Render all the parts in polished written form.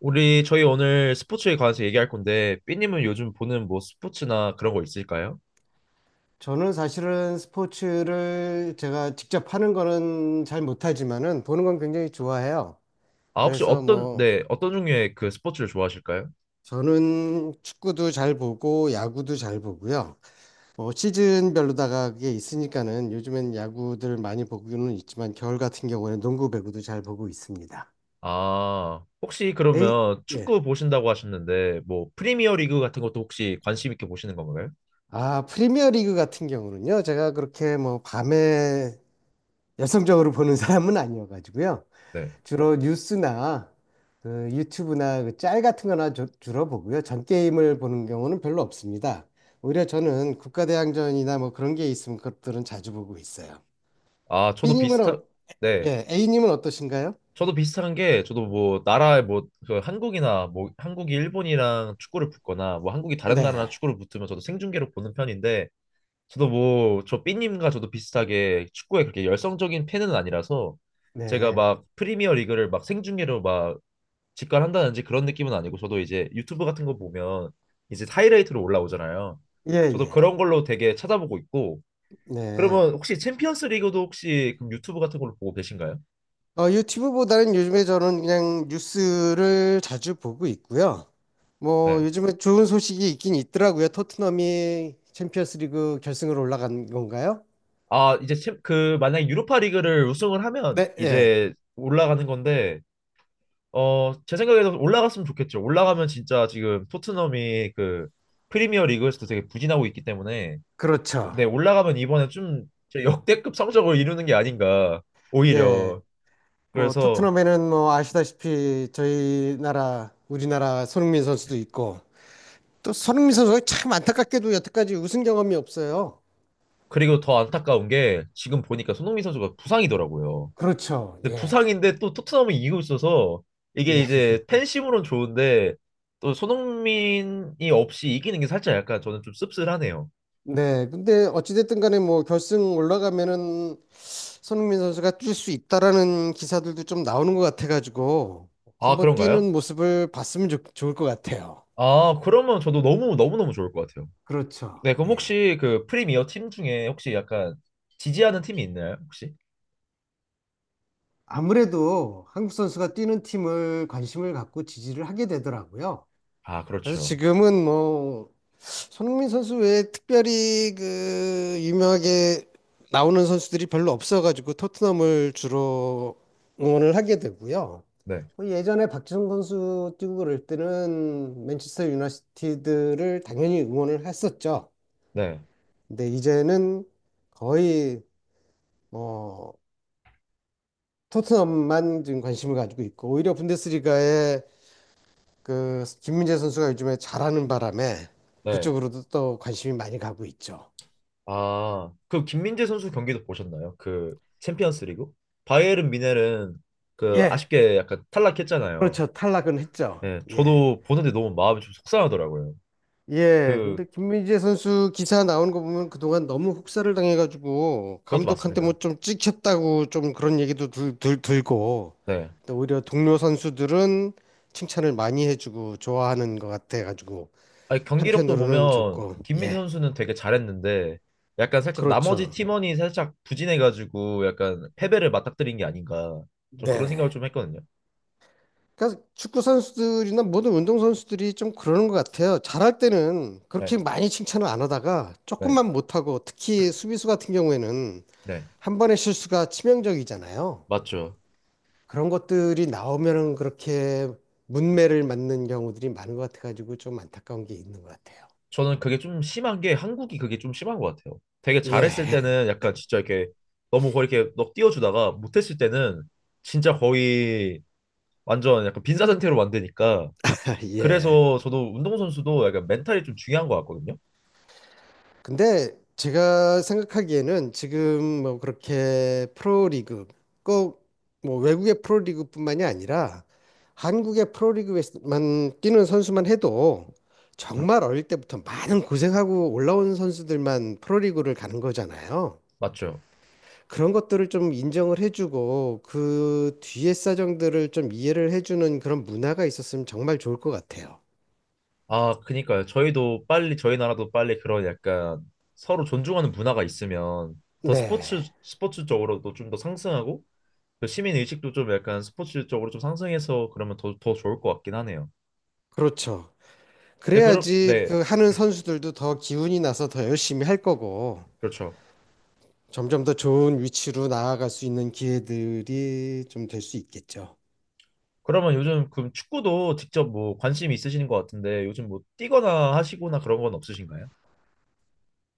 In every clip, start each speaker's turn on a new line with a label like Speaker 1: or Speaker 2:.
Speaker 1: 우리 저희 오늘 스포츠에 관해서 얘기할 건데 삐님은 요즘 보는 뭐 스포츠나 그런 거 있을까요?
Speaker 2: 저는 사실은 스포츠를 제가 직접 하는 거는 잘 못하지만은 보는 건 굉장히 좋아해요.
Speaker 1: 아, 혹시
Speaker 2: 그래서
Speaker 1: 어떤
Speaker 2: 뭐
Speaker 1: 네 어떤 종류의 그 스포츠를 좋아하실까요?
Speaker 2: 저는 축구도 잘 보고 야구도 잘 보고요. 뭐 시즌별로다가 그게 있으니까는 요즘엔 야구들 많이 보고는 있지만 겨울 같은 경우에는 농구, 배구도 잘 보고 있습니다.
Speaker 1: 아, 혹시
Speaker 2: 에이,
Speaker 1: 그러면
Speaker 2: 예.
Speaker 1: 축구 보신다고 하셨는데 뭐 프리미어 리그 같은 것도 혹시 관심 있게 보시는 건가요?
Speaker 2: 아, 프리미어리그 같은 경우는요. 제가 그렇게 뭐 밤에 열성적으로 보는 사람은 아니어가지고요.
Speaker 1: 네.
Speaker 2: 주로 뉴스나 그 유튜브나 그 짤 같은 거나 주로 보고요. 전 게임을 보는 경우는 별로 없습니다. 오히려 저는 국가대항전이나 뭐 그런 게 있으면 그것들은 자주 보고 있어요.
Speaker 1: 아 저도
Speaker 2: B님은,
Speaker 1: 비슷한 네,
Speaker 2: 예, A님은 어떠신가요?
Speaker 1: 저도 비슷한 게 저도 뭐 나라에 뭐그 한국이나 뭐 한국이 일본이랑 축구를 붙거나 뭐 한국이 다른 나라랑
Speaker 2: 네,
Speaker 1: 축구를 붙으면 저도 생중계로 보는 편인데 저도 뭐, 저 삐님과 저도 비슷하게 축구에 그렇게 열성적인 팬은 아니라서 제가
Speaker 2: 네,
Speaker 1: 막 프리미어 리그를 막 생중계로 막 직관한다든지 그런 느낌은 아니고 저도 이제 유튜브 같은 거 보면 이제 하이라이트로 올라오잖아요.
Speaker 2: 예,
Speaker 1: 저도
Speaker 2: 예,
Speaker 1: 그런 걸로 되게 찾아보고 있고
Speaker 2: 네.
Speaker 1: 그러면 혹시 챔피언스 리그도 혹시 그럼 유튜브 같은 걸로 보고 계신가요?
Speaker 2: 유튜브보다는 요즘에 저는 그냥 뉴스를 자주 보고 있고요. 뭐
Speaker 1: 네.
Speaker 2: 요즘에 좋은 소식이 있긴 있더라고요. 토트넘이 챔피언스리그 결승으로 올라간 건가요?
Speaker 1: 아, 이제 챔, 그 만약에 유로파 리그를 우승을 하면
Speaker 2: 네, 예.
Speaker 1: 이제 올라가는 건데 어, 제 생각에도 올라갔으면 좋겠죠. 올라가면 진짜 지금 토트넘이 그 프리미어 리그에서도 되게 부진하고 있기 때문에
Speaker 2: 그렇죠.
Speaker 1: 네, 올라가면 이번에 좀 진짜 역대급 성적을 이루는 게 아닌가
Speaker 2: 예.
Speaker 1: 오히려.
Speaker 2: 뭐
Speaker 1: 그래서
Speaker 2: 토트넘에는 뭐 아시다시피 저희 나라 우리나라 손흥민 선수도 있고 또 손흥민 선수가 참 안타깝게도 여태까지 우승 경험이 없어요.
Speaker 1: 그리고 더 안타까운 게 지금 보니까 손흥민 선수가 부상이더라고요.
Speaker 2: 그렇죠.
Speaker 1: 근데
Speaker 2: 예.
Speaker 1: 부상인데 또 토트넘이 이기고 있어서 이게
Speaker 2: 예.
Speaker 1: 이제 팬심으로는 좋은데 또 손흥민이 없이 이기는 게 살짝 약간 저는 좀 씁쓸하네요.
Speaker 2: 네. 근데 어찌됐든 간에 뭐 결승 올라가면은 손흥민 선수가 뛸 수 있다라는 기사들도 좀 나오는 것 같아가지고
Speaker 1: 아,
Speaker 2: 한번
Speaker 1: 그런가요?
Speaker 2: 뛰는 모습을 봤으면 좋을 것 같아요.
Speaker 1: 아, 그러면 저도 너무 너무너무 좋을 것 같아요.
Speaker 2: 그렇죠.
Speaker 1: 네, 그럼
Speaker 2: 예.
Speaker 1: 혹시 그 프리미어 팀 중에 혹시 약간 지지하는 팀이 있나요, 혹시?
Speaker 2: 아무래도 한국 선수가 뛰는 팀을 관심을 갖고 지지를 하게 되더라고요.
Speaker 1: 아,
Speaker 2: 그래서
Speaker 1: 그렇죠.
Speaker 2: 지금은 뭐 손흥민 선수 외에 특별히 그 유명하게 나오는 선수들이 별로 없어가지고 토트넘을 주로 응원을 하게 되고요.
Speaker 1: 네,
Speaker 2: 뭐 예전에 박지성 선수 뛰고 그럴 때는 맨체스터 유나이티드를 당연히 응원을 했었죠.
Speaker 1: 네,
Speaker 2: 근데 이제는 거의 뭐 토트넘만 지금 관심을 가지고 있고 오히려 분데스리가에 그 김민재 선수가 요즘에 잘하는 바람에
Speaker 1: 네.
Speaker 2: 그쪽으로도 또 관심이 많이 가고 있죠.
Speaker 1: 아, 그 김민재 선수 경기도 보셨나요? 그 챔피언스 리그? 바이에른 미넨은 그
Speaker 2: 예.
Speaker 1: 아쉽게 약간 탈락했잖아요.
Speaker 2: 그렇죠. 탈락은 했죠.
Speaker 1: 네,
Speaker 2: 예.
Speaker 1: 저도 보는데 너무 마음이 좀 속상하더라고요.
Speaker 2: 예.
Speaker 1: 그,
Speaker 2: 근데 김민재 선수 기사 나오는 거 보면 그동안 너무 혹사를 당해가지고
Speaker 1: 그것도
Speaker 2: 감독한테 뭐
Speaker 1: 맞습니다.
Speaker 2: 좀 찍혔다고 좀 그런 얘기도 들고
Speaker 1: 네.
Speaker 2: 또 오히려 동료 선수들은 칭찬을 많이 해주고 좋아하는 것 같아가지고
Speaker 1: 아니, 경기력도
Speaker 2: 한편으로는
Speaker 1: 보면
Speaker 2: 좋고
Speaker 1: 김민재
Speaker 2: 예.
Speaker 1: 선수는 되게 잘했는데 약간 살짝 나머지
Speaker 2: 그렇죠.
Speaker 1: 팀원이 살짝 부진해가지고 약간 패배를 맞닥뜨린 게 아닌가 좀 그런 생각을
Speaker 2: 네.
Speaker 1: 좀 했거든요.
Speaker 2: 그러니까 축구 선수들이나 모든 운동 선수들이 좀 그러는 것 같아요. 잘할 때는 그렇게
Speaker 1: 네,
Speaker 2: 많이 칭찬을 안 하다가
Speaker 1: 네,
Speaker 2: 조금만 못하고 특히 수비수 같은 경우에는
Speaker 1: 네,
Speaker 2: 한 번의 실수가 치명적이잖아요.
Speaker 1: 맞죠.
Speaker 2: 그런 것들이 나오면은 그렇게 문매를 맞는 경우들이 많은 것 같아가지고 좀 안타까운 게 있는 것 같아요.
Speaker 1: 저는 그게 좀 심한 게 한국이 그게 좀 심한 것 같아요. 되게
Speaker 2: 예,
Speaker 1: 잘했을 때는 약간 진짜 이렇게 너무 거의 이렇게 넋 띄워주다가 못했을 때는 진짜 거의 완전 약간 빈사 상태로 만드니까
Speaker 2: 예.
Speaker 1: 그래서 저도 운동선수도 약간 멘탈이 좀 중요한 것 같거든요.
Speaker 2: 근데 제가 생각하기에는 지금 뭐 그렇게 프로리그 꼭 뭐 외국의 프로리그뿐만이 아니라 한국의 프로리그에만 뛰는 선수만 해도 정말 어릴 때부터 많은 고생하고 올라온 선수들만 프로리그를 가는 거잖아요.
Speaker 1: 맞죠.
Speaker 2: 그런 것들을 좀 인정을 해주고 그 뒤에 사정들을 좀 이해를 해주는 그런 문화가 있었으면 정말 좋을 것 같아요.
Speaker 1: 아, 그니까요. 저희 나라도 빨리 그런 약간 서로 존중하는 문화가 있으면 더 스포츠,
Speaker 2: 네,
Speaker 1: 스포츠 쪽으로도 좀 더 상승하고, 그 시민 의식도 좀 약간 스포츠 쪽으로 좀 상승해서 그러면 더, 더 좋을 것 같긴 하네요.
Speaker 2: 그렇죠.
Speaker 1: 네, 그럼,
Speaker 2: 그래야지
Speaker 1: 네,
Speaker 2: 그 하는 선수들도 더 기운이 나서 더 열심히 할 거고
Speaker 1: 그렇죠.
Speaker 2: 점점 더 좋은 위치로 나아갈 수 있는 기회들이 좀 될 수 있겠죠.
Speaker 1: 그러면 요즘 그 축구도 직접 뭐 관심 있으신 것 같은데 요즘 뭐 뛰거나 하시거나 그런 건 없으신가요?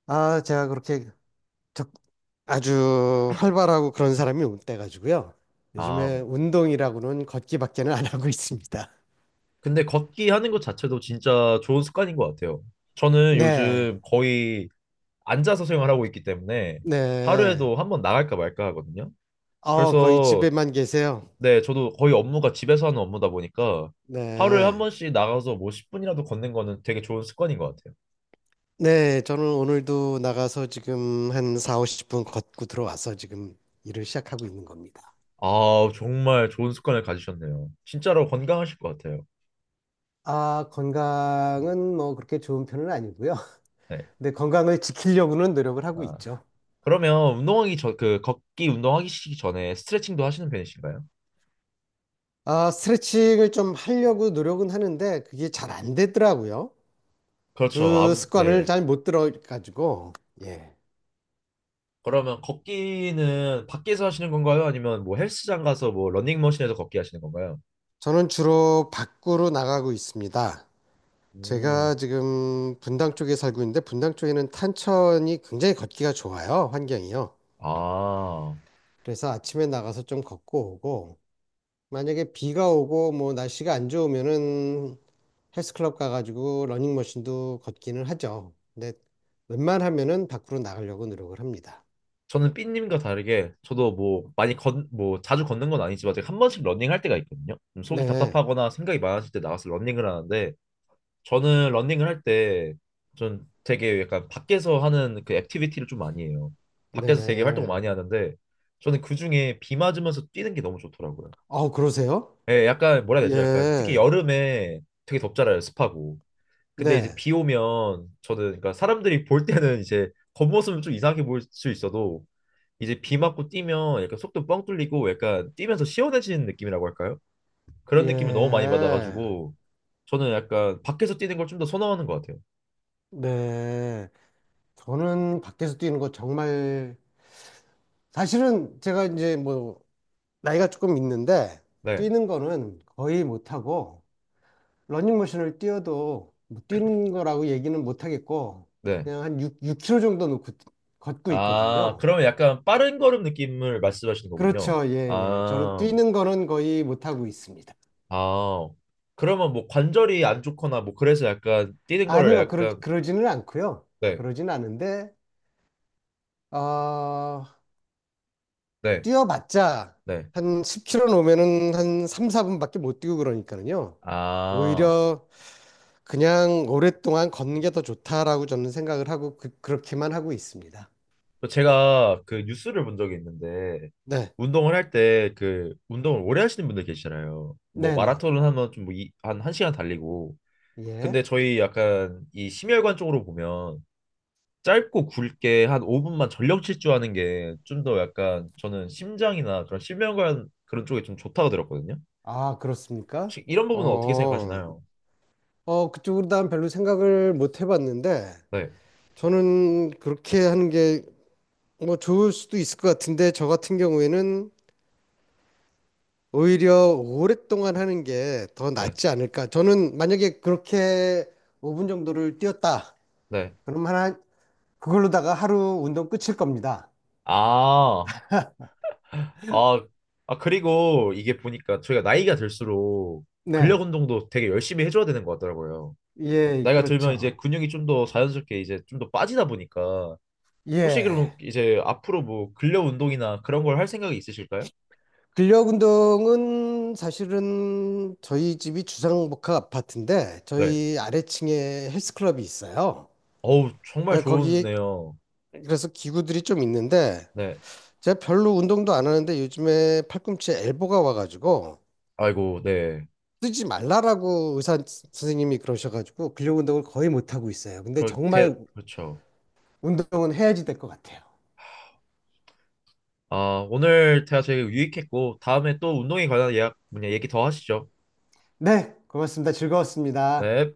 Speaker 2: 아, 제가 그렇게 적- 아주 활발하고 그런 사람이 못 돼가지고요.
Speaker 1: 아,
Speaker 2: 요즘에 운동이라고는 걷기밖에는 안 하고 있습니다.
Speaker 1: 근데 걷기 하는 것 자체도 진짜 좋은 습관인 것 같아요. 저는
Speaker 2: 네,
Speaker 1: 요즘 거의 앉아서 수영을 하고 있기 때문에
Speaker 2: 네.
Speaker 1: 하루에도 한번 나갈까 말까 하거든요.
Speaker 2: 어, 거의
Speaker 1: 그래서
Speaker 2: 집에만 계세요.
Speaker 1: 네, 저도 거의 업무가 집에서 하는 업무다 보니까 하루에 한
Speaker 2: 네.
Speaker 1: 번씩 나가서 뭐 10분이라도 걷는 거는 되게 좋은 습관인 것 같아요.
Speaker 2: 네, 저는 오늘도 나가서 지금 한 4, 50분 걷고 들어와서 지금 일을 시작하고 있는 겁니다.
Speaker 1: 아, 정말 좋은 습관을 가지셨네요. 진짜로 건강하실 것 같아요.
Speaker 2: 아, 건강은 뭐 그렇게 좋은 편은 아니고요.
Speaker 1: 네.
Speaker 2: 근데 건강을 지키려고는 노력을 하고
Speaker 1: 아,
Speaker 2: 있죠.
Speaker 1: 그러면 운동하기 전, 그 걷기 운동하기 시기 전에 스트레칭도 하시는 편이신가요?
Speaker 2: 아, 스트레칭을 좀 하려고 노력은 하는데 그게 잘 안 되더라고요.
Speaker 1: 그렇죠.
Speaker 2: 그
Speaker 1: 암,
Speaker 2: 습관을
Speaker 1: 네.
Speaker 2: 잘 못 들어가지고, 예.
Speaker 1: 그러면 걷기는 밖에서 하시는 건가요? 아니면 뭐 헬스장 가서 뭐 러닝머신에서 걷기 하시는 건가요?
Speaker 2: 저는 주로 밖으로 나가고 있습니다.
Speaker 1: 음.
Speaker 2: 제가 지금 분당 쪽에 살고 있는데 분당 쪽에는 탄천이 굉장히 걷기가 좋아요, 환경이요.
Speaker 1: 아,
Speaker 2: 그래서 아침에 나가서 좀 걷고 오고 만약에 비가 오고 뭐 날씨가 안 좋으면은 헬스클럽 가가지고 러닝머신도 걷기는 하죠. 근데 웬만하면은 밖으로 나가려고 노력을 합니다.
Speaker 1: 저는 삐님과 다르게 저도 뭐 많이 건, 뭐 자주 걷는 건 아니지만 제가 한 번씩 러닝할 때가 있거든요. 좀 속이
Speaker 2: 네,
Speaker 1: 답답하거나 생각이 많아질 때 나가서 러닝을 하는데 저는 러닝을 할 때 전 되게 약간 밖에서 하는 그 액티비티를 좀 많이 해요. 밖에서 되게 활동을
Speaker 2: 네.
Speaker 1: 많이 하는데 저는 그중에 비 맞으면서 뛰는 게 너무 좋더라고요.
Speaker 2: 아, 그러세요?
Speaker 1: 예, 약간 뭐라 해야 되죠? 약간 특히
Speaker 2: 예,
Speaker 1: 여름에 되게 덥잖아요, 습하고. 근데 이제
Speaker 2: 네,
Speaker 1: 비 오면 저는 그러니까 사람들이 볼 때는 이제 겉모습은 좀 이상하게 보일 수 있어도 이제 비 맞고 뛰면 약간 속도 뻥 뚫리고 약간 뛰면서 시원해지는 느낌이라고 할까요? 그런 느낌을 너무 많이
Speaker 2: 예,
Speaker 1: 받아가지고 저는 약간 밖에서 뛰는 걸 좀 더 선호하는 것 같아요.
Speaker 2: 네. 저는 밖에서 뛰는 거 정말 사실은 제가 이제 뭐 나이가 조금 있는데
Speaker 1: 네,
Speaker 2: 뛰는 거는 거의 못하고 러닝머신을 뛰어도 뭐 뛰는 거라고 얘기는 못 하겠고
Speaker 1: 네.
Speaker 2: 그냥 한 6, k m 정도 놓고 걷고
Speaker 1: 아,
Speaker 2: 있거든요.
Speaker 1: 그러면 약간 빠른 걸음 느낌을 말씀하시는 거군요.
Speaker 2: 그렇죠. 예, 예. 저는
Speaker 1: 아,
Speaker 2: 뛰는 거는 거의 못 하고 있습니다.
Speaker 1: 아. 그러면 뭐 관절이 안 좋거나 뭐 그래서 약간 뛰는 거를
Speaker 2: 아니요. 그러,
Speaker 1: 약간
Speaker 2: 그러지는 않고요.
Speaker 1: 네,
Speaker 2: 그러진 않은데 어,
Speaker 1: 네,
Speaker 2: 뛰어봤자
Speaker 1: 네.
Speaker 2: 한 10km 놓으면은 한 3, 4분밖에 못 뛰고 그러니까요.
Speaker 1: 아.
Speaker 2: 오히려 그냥 오랫동안 걷는 게 더 좋다라고 저는 생각을 하고 그렇게만 하고 있습니다.
Speaker 1: 또 제가 그 뉴스를 본 적이 있는데
Speaker 2: 네.
Speaker 1: 운동을 할 때 그 운동을 오래 하시는 분들 계시잖아요. 뭐
Speaker 2: 네네.
Speaker 1: 마라톤을 하면 좀뭐한 한시간 달리고 근데
Speaker 2: 예.
Speaker 1: 저희 약간 이 심혈관 쪽으로 보면 짧고 굵게 한 5분만 전력 질주하는 게 좀 더 약간 저는 심장이나 그런 심혈관 그런 쪽에 좀 좋다고 들었거든요.
Speaker 2: 아, 그렇습니까?
Speaker 1: 혹시 이런 부분은 어떻게
Speaker 2: 어,
Speaker 1: 생각하시나요?
Speaker 2: 어, 그쪽으로 난 별로 생각을 못 해봤는데,
Speaker 1: 네,
Speaker 2: 저는 그렇게 하는 게 뭐 좋을 수도 있을 것 같은데, 저 같은 경우에는 오히려 오랫동안 하는 게 더
Speaker 1: 네,
Speaker 2: 낫지 않을까. 저는 만약에 그렇게 5분 정도를 뛰었다.
Speaker 1: 네.
Speaker 2: 그럼 하나, 그걸로다가 하루 운동 끝일 겁니다.
Speaker 1: 아, 아, 아, 그리고 이게 보니까 저희가 나이가 들수록 근력
Speaker 2: 네.
Speaker 1: 운동도 되게 열심히 해줘야 되는 것 같더라고요.
Speaker 2: 예,
Speaker 1: 나이가 들면 이제
Speaker 2: 그렇죠.
Speaker 1: 근육이 좀 더 자연스럽게 이제 좀 더 빠지다 보니까 혹시
Speaker 2: 예.
Speaker 1: 그럼 이제 앞으로 뭐 근력 운동이나 그런 걸 할 생각이 있으실까요?
Speaker 2: 근력 운동은 사실은 저희 집이 주상복합 아파트인데
Speaker 1: 네.
Speaker 2: 저희 아래층에 헬스클럽이 있어요.
Speaker 1: 어우, 정말
Speaker 2: 예, 거기
Speaker 1: 좋네요.
Speaker 2: 그래서 기구들이 좀 있는데
Speaker 1: 네.
Speaker 2: 제가 별로 운동도 안 하는데 요즘에 팔꿈치에 엘보가 와가지고
Speaker 1: 아이고, 네.
Speaker 2: 쓰지 말라라고 의사 선생님이 그러셔가지고 근력 운동을 거의 못 하고 있어요.
Speaker 1: 그
Speaker 2: 근데
Speaker 1: 렇대
Speaker 2: 정말
Speaker 1: 그렇죠.
Speaker 2: 운동은 해야지 될 것 같아요.
Speaker 1: 아, 오늘 대화 되게 유익했고, 다음에 또 운동에 관한 예약, 뭐냐, 얘기 더 하시죠.
Speaker 2: 네, 고맙습니다. 즐거웠습니다.
Speaker 1: 네.